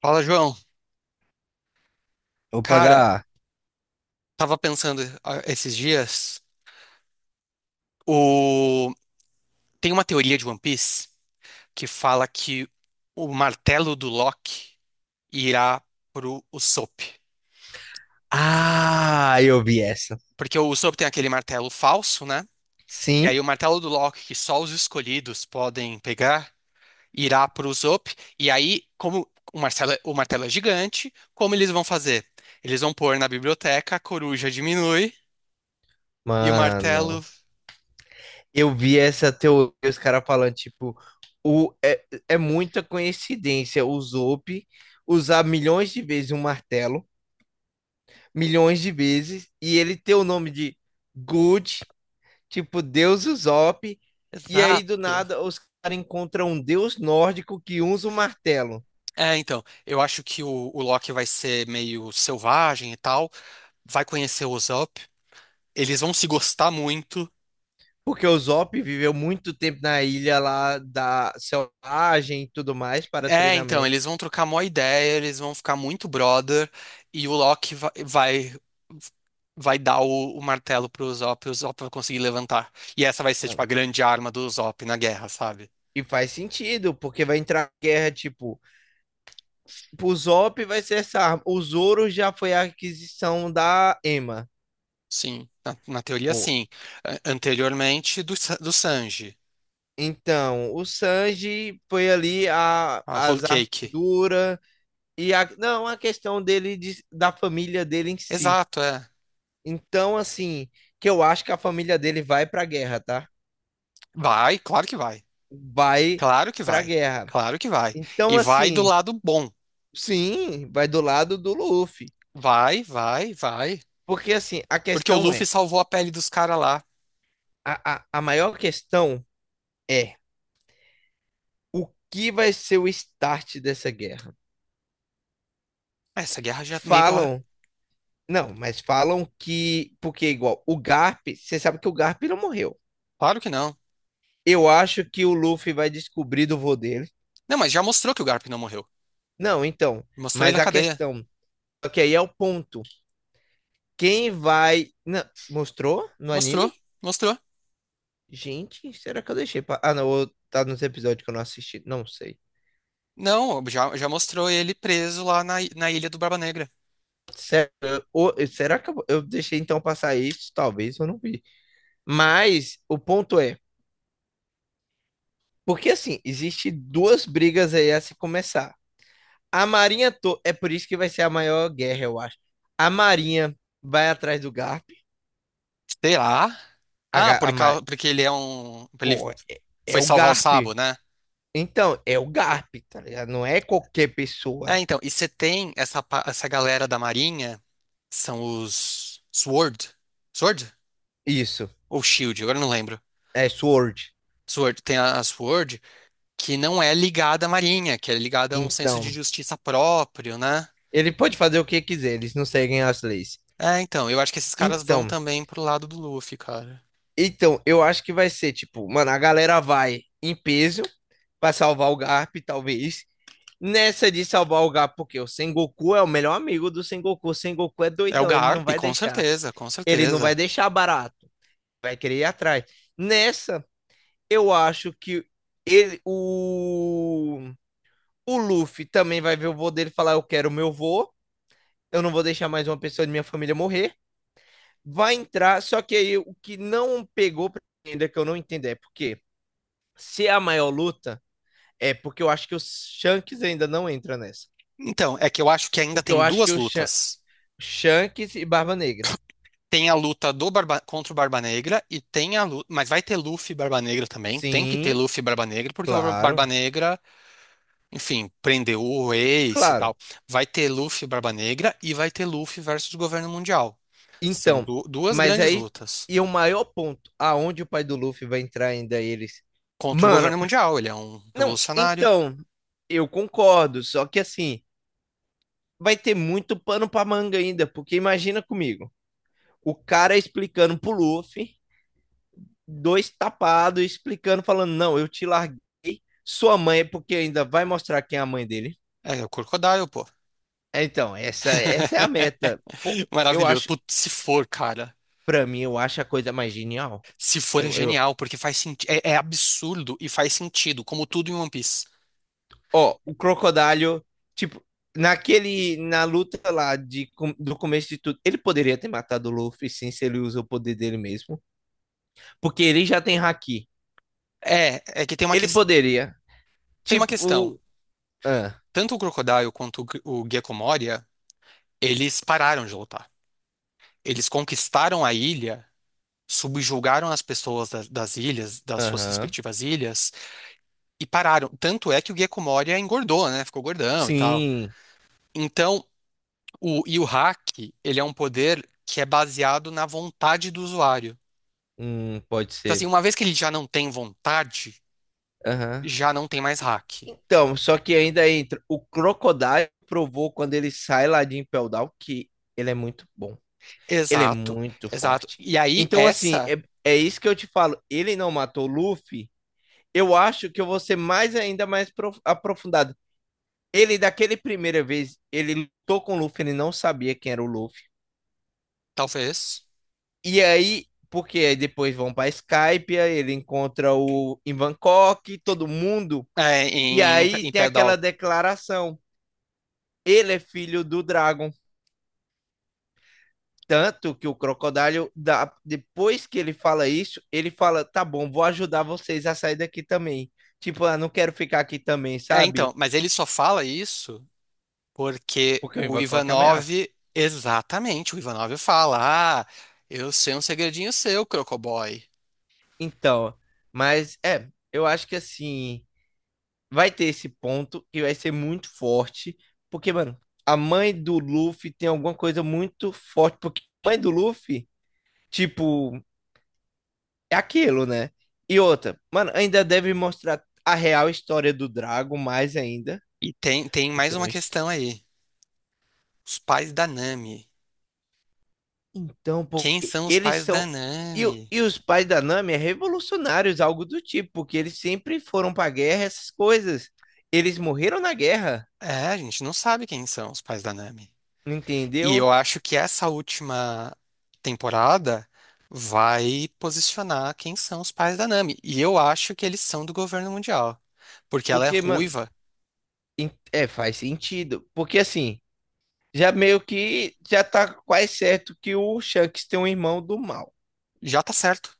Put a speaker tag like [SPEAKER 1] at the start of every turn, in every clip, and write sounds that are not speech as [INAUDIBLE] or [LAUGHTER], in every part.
[SPEAKER 1] Fala, João.
[SPEAKER 2] Vou
[SPEAKER 1] Cara,
[SPEAKER 2] pagar.
[SPEAKER 1] tava pensando esses dias, o... tem uma teoria de One Piece que fala que o martelo do Loki irá pro Usopp.
[SPEAKER 2] Ah, eu vi essa.
[SPEAKER 1] Porque o Usopp tem aquele martelo falso, né? E aí
[SPEAKER 2] Sim,
[SPEAKER 1] o martelo do Loki, que só os escolhidos podem pegar, irá pro Usopp. E aí, como o martelo, o martelo é gigante, como eles vão fazer? Eles vão pôr na biblioteca, a coruja diminui e o
[SPEAKER 2] mano.
[SPEAKER 1] martelo...
[SPEAKER 2] Eu vi essa teoria, os caras falando, tipo, o, é muita coincidência o Zope usar milhões de vezes um martelo, milhões de vezes, e ele ter o nome de Good, tipo, Deus Usopp, e aí do
[SPEAKER 1] Exato.
[SPEAKER 2] nada os caras encontram um deus nórdico que usa o martelo.
[SPEAKER 1] É, então, eu acho que o Loki vai ser meio selvagem e tal, vai conhecer o Usopp, eles vão se gostar muito.
[SPEAKER 2] Porque o Zop viveu muito tempo na ilha lá da selvagem e tudo mais para
[SPEAKER 1] É, então,
[SPEAKER 2] treinamento.
[SPEAKER 1] eles vão trocar mó ideia, eles vão ficar muito brother, e o Loki vai dar o martelo pro Usopp, e o Usopp vai conseguir levantar. E essa vai ser, tipo, a
[SPEAKER 2] Mano.
[SPEAKER 1] grande arma do Usopp na guerra, sabe?
[SPEAKER 2] E faz sentido, porque vai entrar guerra, tipo, pro Zop vai ser essa arma. O Zoro já foi a aquisição da Ema.
[SPEAKER 1] Sim, na teoria,
[SPEAKER 2] Pô.
[SPEAKER 1] sim. Anteriormente, do Sanji,
[SPEAKER 2] Então, o Sanji foi ali a,
[SPEAKER 1] a Whole
[SPEAKER 2] as
[SPEAKER 1] Cake.
[SPEAKER 2] armaduras e a, não, a questão dele da família dele em si.
[SPEAKER 1] Exato, é.
[SPEAKER 2] Então, assim, que eu acho que a família dele vai pra guerra, tá?
[SPEAKER 1] Vai, claro que vai.
[SPEAKER 2] Vai
[SPEAKER 1] Claro que
[SPEAKER 2] pra
[SPEAKER 1] vai.
[SPEAKER 2] guerra.
[SPEAKER 1] Claro que vai.
[SPEAKER 2] Então,
[SPEAKER 1] E vai do
[SPEAKER 2] assim,
[SPEAKER 1] lado bom.
[SPEAKER 2] sim, vai do lado do Luffy.
[SPEAKER 1] Vai, vai.
[SPEAKER 2] Porque, assim, a
[SPEAKER 1] Porque o
[SPEAKER 2] questão
[SPEAKER 1] Luffy
[SPEAKER 2] é:
[SPEAKER 1] salvou a pele dos caras lá.
[SPEAKER 2] a maior questão é o que vai ser o start dessa guerra?
[SPEAKER 1] Essa guerra já meio que
[SPEAKER 2] Falam, não, mas falam que. Porque, igual, o Garp, você sabe que o Garp não morreu.
[SPEAKER 1] Claro que não.
[SPEAKER 2] Eu acho que o Luffy vai descobrir do vô dele.
[SPEAKER 1] Não, mas já mostrou que o Garp não morreu.
[SPEAKER 2] Não, então,
[SPEAKER 1] Mostrou ele
[SPEAKER 2] mas
[SPEAKER 1] na
[SPEAKER 2] a
[SPEAKER 1] cadeia.
[SPEAKER 2] questão. Só que aí é o ponto. Quem vai. Não, mostrou no
[SPEAKER 1] Mostrou,
[SPEAKER 2] anime?
[SPEAKER 1] mostrou.
[SPEAKER 2] Gente, será que eu deixei? Pra... Ah, não, tá nos episódios que eu não assisti. Não sei.
[SPEAKER 1] Não, já mostrou ele preso lá na ilha do Barba Negra.
[SPEAKER 2] Sério, será que eu deixei então passar isso? Talvez eu não vi. Mas o ponto é, porque assim, existe duas brigas aí a se começar. A Marinha, é por isso que vai ser a maior guerra, eu acho. A Marinha vai atrás do Garp.
[SPEAKER 1] Sei lá.
[SPEAKER 2] A, Ga- a Ma-
[SPEAKER 1] Porque ele é um. Ele
[SPEAKER 2] Pô, é
[SPEAKER 1] foi
[SPEAKER 2] o
[SPEAKER 1] salvar o
[SPEAKER 2] Garp.
[SPEAKER 1] Sabo, né?
[SPEAKER 2] Então, é o Garp, tá ligado? Não é qualquer
[SPEAKER 1] É,
[SPEAKER 2] pessoa.
[SPEAKER 1] então. E você tem essa galera da Marinha, são os Sword. Sword?
[SPEAKER 2] Isso,
[SPEAKER 1] Ou Shield, agora não lembro.
[SPEAKER 2] é Sword.
[SPEAKER 1] Sword, tem a Sword, que não é ligada à Marinha, que é ligada a um senso de
[SPEAKER 2] Então,
[SPEAKER 1] justiça próprio, né?
[SPEAKER 2] ele pode fazer o que quiser, eles não seguem as leis.
[SPEAKER 1] É, então, eu acho que esses caras vão
[SPEAKER 2] Então,
[SPEAKER 1] também pro lado do Luffy, cara.
[SPEAKER 2] Então, eu acho que vai ser, tipo, mano, a galera vai em peso pra salvar o Garp, talvez. Nessa de salvar o Garp, porque o Sengoku é o melhor amigo do Sengoku. O Sengoku é
[SPEAKER 1] É o
[SPEAKER 2] doidão, ele não
[SPEAKER 1] Garp,
[SPEAKER 2] vai
[SPEAKER 1] com
[SPEAKER 2] deixar.
[SPEAKER 1] certeza, com
[SPEAKER 2] Ele não vai
[SPEAKER 1] certeza.
[SPEAKER 2] deixar barato. Vai querer ir atrás. Nessa, eu acho que ele, o, o Luffy também vai ver o vô dele e falar: Eu quero o meu vô, eu não vou deixar mais uma pessoa de minha família morrer. Vai entrar, só que aí o que não pegou pra mim ainda que eu não entendo é porque se é a maior luta, é porque eu acho que o Shanks ainda não entra nessa.
[SPEAKER 1] Então, é que eu acho que ainda
[SPEAKER 2] Porque eu
[SPEAKER 1] tem
[SPEAKER 2] acho que
[SPEAKER 1] duas
[SPEAKER 2] o
[SPEAKER 1] lutas.
[SPEAKER 2] Shanks e Barba Negra.
[SPEAKER 1] Tem a luta contra o Barba Negra e tem a luta. Mas vai ter Luffy e Barba Negra também. Tem que ter
[SPEAKER 2] Sim,
[SPEAKER 1] Luffy e Barba Negra, porque o Barba
[SPEAKER 2] claro,
[SPEAKER 1] Negra enfim, prender o Ace e
[SPEAKER 2] claro.
[SPEAKER 1] tal. Vai ter Luffy e Barba Negra e vai ter Luffy versus o governo mundial. São
[SPEAKER 2] Então,
[SPEAKER 1] duas
[SPEAKER 2] mas
[SPEAKER 1] grandes
[SPEAKER 2] aí,
[SPEAKER 1] lutas
[SPEAKER 2] e o maior ponto, aonde o pai do Luffy vai entrar ainda eles?
[SPEAKER 1] contra o
[SPEAKER 2] Mano,
[SPEAKER 1] governo mundial. Ele é um
[SPEAKER 2] não,
[SPEAKER 1] revolucionário.
[SPEAKER 2] então, eu concordo, só que assim, vai ter muito pano pra manga ainda, porque imagina comigo, o cara explicando pro Luffy dois tapados, explicando, falando: não, eu te larguei, sua mãe, é porque ainda vai mostrar quem é a mãe dele.
[SPEAKER 1] É, o Crocodile, pô.
[SPEAKER 2] É, então, essa é a meta. Pô,
[SPEAKER 1] [LAUGHS]
[SPEAKER 2] eu
[SPEAKER 1] Maravilhoso.
[SPEAKER 2] acho,
[SPEAKER 1] Putz, se for, cara.
[SPEAKER 2] pra mim, eu acho a coisa mais genial.
[SPEAKER 1] Se for, é
[SPEAKER 2] Eu, eu,
[SPEAKER 1] genial, porque faz sentido. É, é absurdo e faz sentido, como tudo em One Piece.
[SPEAKER 2] ó, o Crocodile, tipo, naquele, na luta lá de, do começo de tudo, ele poderia ter matado o Luffy, sim, se ele usa o poder dele mesmo, porque ele já tem haki.
[SPEAKER 1] É, é que tem
[SPEAKER 2] Ele poderia,
[SPEAKER 1] tem uma questão.
[SPEAKER 2] tipo, ah,
[SPEAKER 1] Tanto o Crocodile quanto o Gecko Moria, eles pararam de lutar. Eles conquistaram a ilha subjugaram as pessoas das ilhas, das suas
[SPEAKER 2] aham,
[SPEAKER 1] respectivas ilhas, e pararam. Tanto é que o Gecko engordou, né? Ficou gordão e tal.
[SPEAKER 2] sim,
[SPEAKER 1] Então, e o hack, ele é um poder que é baseado na vontade do usuário.
[SPEAKER 2] pode
[SPEAKER 1] Então, assim,
[SPEAKER 2] ser,
[SPEAKER 1] uma vez que ele já não tem vontade,
[SPEAKER 2] aham.
[SPEAKER 1] já não tem mais hack.
[SPEAKER 2] Então, só que ainda entra. O Crocodile provou quando ele sai lá de Impel Down que ele é muito bom. Ele é
[SPEAKER 1] Exato,
[SPEAKER 2] muito
[SPEAKER 1] exato.
[SPEAKER 2] forte.
[SPEAKER 1] E aí,
[SPEAKER 2] Então, assim, é, é isso que eu te falo. Ele não matou o Luffy. Eu acho que eu vou ser mais ainda mais aprofundado. Ele, daquele primeira vez, ele lutou com o Luffy, ele não sabia quem era o Luffy.
[SPEAKER 1] talvez,
[SPEAKER 2] E aí, porque aí depois vão pra Skype, ele encontra o em Bangkok, todo mundo.
[SPEAKER 1] é,
[SPEAKER 2] E aí
[SPEAKER 1] em
[SPEAKER 2] tem aquela
[SPEAKER 1] Pedal.
[SPEAKER 2] declaração. Ele é filho do Dragon. Tanto que o Crocodile, depois que ele fala isso, ele fala: tá bom, vou ajudar vocês a sair daqui também. Tipo, ah, não quero ficar aqui também,
[SPEAKER 1] É, então,
[SPEAKER 2] sabe?
[SPEAKER 1] mas ele só fala isso porque
[SPEAKER 2] Porque o
[SPEAKER 1] o
[SPEAKER 2] Invacock
[SPEAKER 1] Ivanov,
[SPEAKER 2] ameaça.
[SPEAKER 1] exatamente, o Ivanov fala: Ah, eu sei um segredinho seu, Crocoboy.
[SPEAKER 2] Então, mas é, eu acho que assim, vai ter esse ponto que vai ser muito forte. Porque, mano, a mãe do Luffy tem alguma coisa muito forte. Porque a mãe do Luffy, tipo, é aquilo, né? E outra, mano, ainda deve mostrar a real história do Drago mais ainda.
[SPEAKER 1] E tem, tem
[SPEAKER 2] Porque
[SPEAKER 1] mais
[SPEAKER 2] é
[SPEAKER 1] uma
[SPEAKER 2] uma
[SPEAKER 1] questão aí: os pais da Nami.
[SPEAKER 2] então,
[SPEAKER 1] Quem
[SPEAKER 2] porque
[SPEAKER 1] são os
[SPEAKER 2] eles
[SPEAKER 1] pais da
[SPEAKER 2] são. E,
[SPEAKER 1] Nami?
[SPEAKER 2] e os pais da Nami é revolucionários, algo do tipo, porque eles sempre foram pra guerra, essas coisas. Eles morreram na guerra,
[SPEAKER 1] É, a gente não sabe quem são os pais da Nami. E
[SPEAKER 2] entendeu?
[SPEAKER 1] eu acho que essa última temporada vai posicionar quem são os pais da Nami. E eu acho que eles são do governo mundial. Porque ela é
[SPEAKER 2] Porque, mano,
[SPEAKER 1] ruiva.
[SPEAKER 2] é, faz sentido. Porque assim, já meio que já tá quase certo que o Shanks tem um irmão do mal.
[SPEAKER 1] Já tá certo.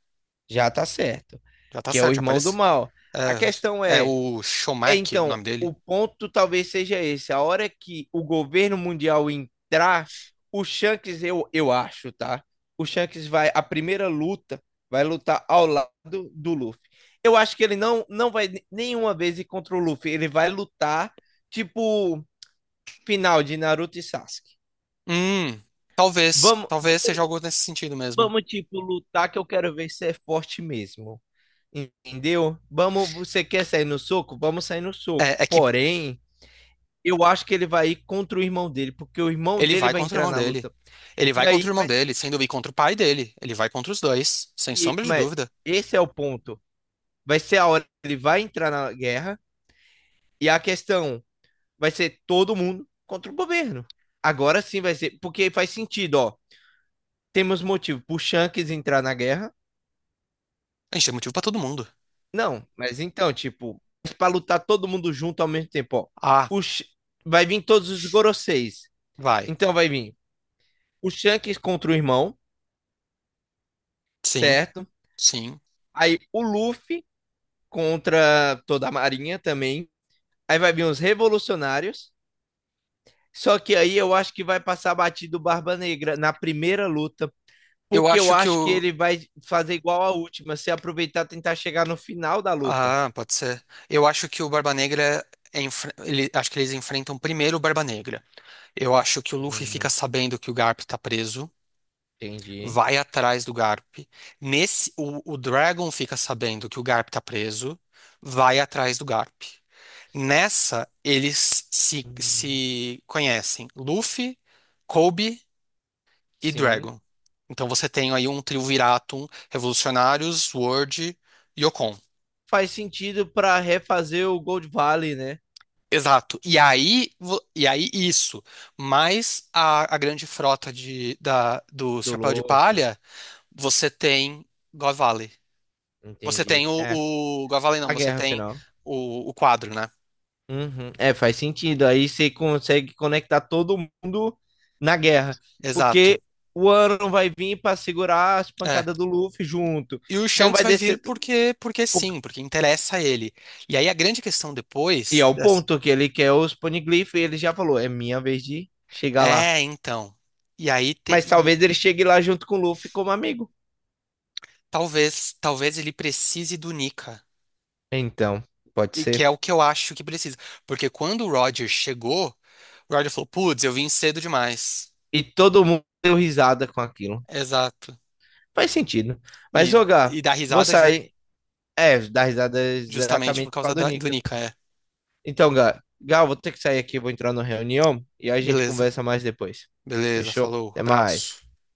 [SPEAKER 2] Já tá certo.
[SPEAKER 1] Já tá
[SPEAKER 2] Que é o
[SPEAKER 1] certo, já
[SPEAKER 2] irmão do
[SPEAKER 1] apareceu.
[SPEAKER 2] mal. A questão
[SPEAKER 1] É, é
[SPEAKER 2] é.
[SPEAKER 1] o
[SPEAKER 2] É,
[SPEAKER 1] Shomak, o
[SPEAKER 2] então,
[SPEAKER 1] nome
[SPEAKER 2] o
[SPEAKER 1] dele.
[SPEAKER 2] ponto talvez seja esse. A hora que o governo mundial entrar, o Shanks, eu acho, tá? O Shanks vai, a primeira luta, vai lutar ao lado do Luffy. Eu acho que ele não vai nenhuma vez ir contra o Luffy. Ele vai lutar, tipo, final de Naruto e Sasuke.
[SPEAKER 1] Hum, talvez.
[SPEAKER 2] Vamos,
[SPEAKER 1] Talvez seja algo nesse sentido mesmo.
[SPEAKER 2] vamos tipo, lutar que eu quero ver se é forte mesmo. Entendeu? Vamos, você quer sair no soco? Vamos sair no soco.
[SPEAKER 1] É, é que
[SPEAKER 2] Porém, eu acho que ele vai ir contra o irmão dele, porque o irmão
[SPEAKER 1] ele
[SPEAKER 2] dele
[SPEAKER 1] vai
[SPEAKER 2] vai
[SPEAKER 1] contra o
[SPEAKER 2] entrar
[SPEAKER 1] irmão
[SPEAKER 2] na
[SPEAKER 1] dele.
[SPEAKER 2] luta.
[SPEAKER 1] Ele
[SPEAKER 2] E
[SPEAKER 1] vai contra
[SPEAKER 2] aí,
[SPEAKER 1] o irmão
[SPEAKER 2] vai ser-
[SPEAKER 1] dele, sem dúvida, e contra o pai dele. Ele vai contra os dois, sem
[SPEAKER 2] e-
[SPEAKER 1] sombra de
[SPEAKER 2] mas
[SPEAKER 1] dúvida.
[SPEAKER 2] esse é o ponto. Vai ser a hora que ele vai entrar na guerra, e a questão vai ser todo mundo contra o governo. Agora sim vai ser, porque faz sentido, ó. Temos motivo pro Shanks entrar na guerra?
[SPEAKER 1] A gente tem motivo pra todo mundo.
[SPEAKER 2] Não, mas então, tipo, pra lutar todo mundo junto ao mesmo tempo, ó.
[SPEAKER 1] Ah,
[SPEAKER 2] O Sh- Vai vir todos os Goroseis.
[SPEAKER 1] vai.
[SPEAKER 2] Então vai vir o Shanks contra o irmão,
[SPEAKER 1] Sim,
[SPEAKER 2] certo?
[SPEAKER 1] sim.
[SPEAKER 2] Aí o Luffy contra toda a Marinha também. Aí vai vir os revolucionários. Só que aí eu acho que vai passar batido Barba Negra na primeira luta,
[SPEAKER 1] Eu
[SPEAKER 2] porque eu
[SPEAKER 1] acho que
[SPEAKER 2] acho que
[SPEAKER 1] o.
[SPEAKER 2] ele vai fazer igual a última, se aproveitar e tentar chegar no final da luta.
[SPEAKER 1] Ah, pode ser. Eu acho que o Barba Negra. Acho que eles enfrentam primeiro o Barba Negra. Eu acho que o Luffy fica
[SPEAKER 2] Hum,
[SPEAKER 1] sabendo que o Garp tá preso.
[SPEAKER 2] entendi.
[SPEAKER 1] Vai atrás do Garp. Nesse, o Dragon fica sabendo que o Garp tá preso, vai atrás do Garp. Nessa, eles
[SPEAKER 2] Hum,
[SPEAKER 1] se conhecem, Luffy, Kobe e
[SPEAKER 2] sim.
[SPEAKER 1] Dragon. Então você tem aí um trio Viratum, Revolucionários, Sword e Yokon.
[SPEAKER 2] Faz sentido para refazer o Gold Valley, né?
[SPEAKER 1] Exato. E aí, e aí isso, mais a grande frota do
[SPEAKER 2] Do
[SPEAKER 1] Chapéu de
[SPEAKER 2] Luffy.
[SPEAKER 1] Palha, você tem God Valley. Você
[SPEAKER 2] Entendi.
[SPEAKER 1] tem
[SPEAKER 2] É,
[SPEAKER 1] o Gavalen, não,
[SPEAKER 2] a
[SPEAKER 1] você
[SPEAKER 2] guerra
[SPEAKER 1] tem
[SPEAKER 2] final.
[SPEAKER 1] o quadro, né?
[SPEAKER 2] Uhum. É, faz sentido. Aí você consegue conectar todo mundo na guerra.
[SPEAKER 1] Exato.
[SPEAKER 2] Porque o Aaron vai vir para segurar as
[SPEAKER 1] É.
[SPEAKER 2] pancadas do Luffy junto.
[SPEAKER 1] E o
[SPEAKER 2] Então
[SPEAKER 1] Shanks
[SPEAKER 2] vai
[SPEAKER 1] vai vir
[SPEAKER 2] descer.
[SPEAKER 1] porque, porque sim, porque interessa a ele. E aí a grande questão
[SPEAKER 2] E
[SPEAKER 1] depois
[SPEAKER 2] é o
[SPEAKER 1] dessa-
[SPEAKER 2] ponto que ele quer os Poneglyph. E ele já falou: é minha vez de chegar lá.
[SPEAKER 1] é, então. E aí te-
[SPEAKER 2] Mas
[SPEAKER 1] e
[SPEAKER 2] talvez ele chegue lá junto com o Luffy como amigo.
[SPEAKER 1] talvez ele precise do Nika,
[SPEAKER 2] Então, pode
[SPEAKER 1] e que
[SPEAKER 2] ser.
[SPEAKER 1] é o que eu acho que precisa, porque quando o Roger chegou, o Roger falou: "Putz, eu vim cedo demais".
[SPEAKER 2] E todo mundo deu risada com aquilo.
[SPEAKER 1] Exato.
[SPEAKER 2] Faz sentido. Mas,
[SPEAKER 1] E
[SPEAKER 2] ô, Gá,
[SPEAKER 1] e dá
[SPEAKER 2] vou
[SPEAKER 1] risada ju-
[SPEAKER 2] sair. É, dar risada
[SPEAKER 1] justamente por
[SPEAKER 2] exatamente por
[SPEAKER 1] causa
[SPEAKER 2] causa do
[SPEAKER 1] do
[SPEAKER 2] Nika.
[SPEAKER 1] Nika, é.
[SPEAKER 2] Então, Gal, Gal, vou ter que sair aqui, vou entrar na reunião e aí a gente
[SPEAKER 1] Beleza.
[SPEAKER 2] conversa mais depois.
[SPEAKER 1] Beleza,
[SPEAKER 2] Fechou?
[SPEAKER 1] falou,
[SPEAKER 2] Até mais.
[SPEAKER 1] abraço.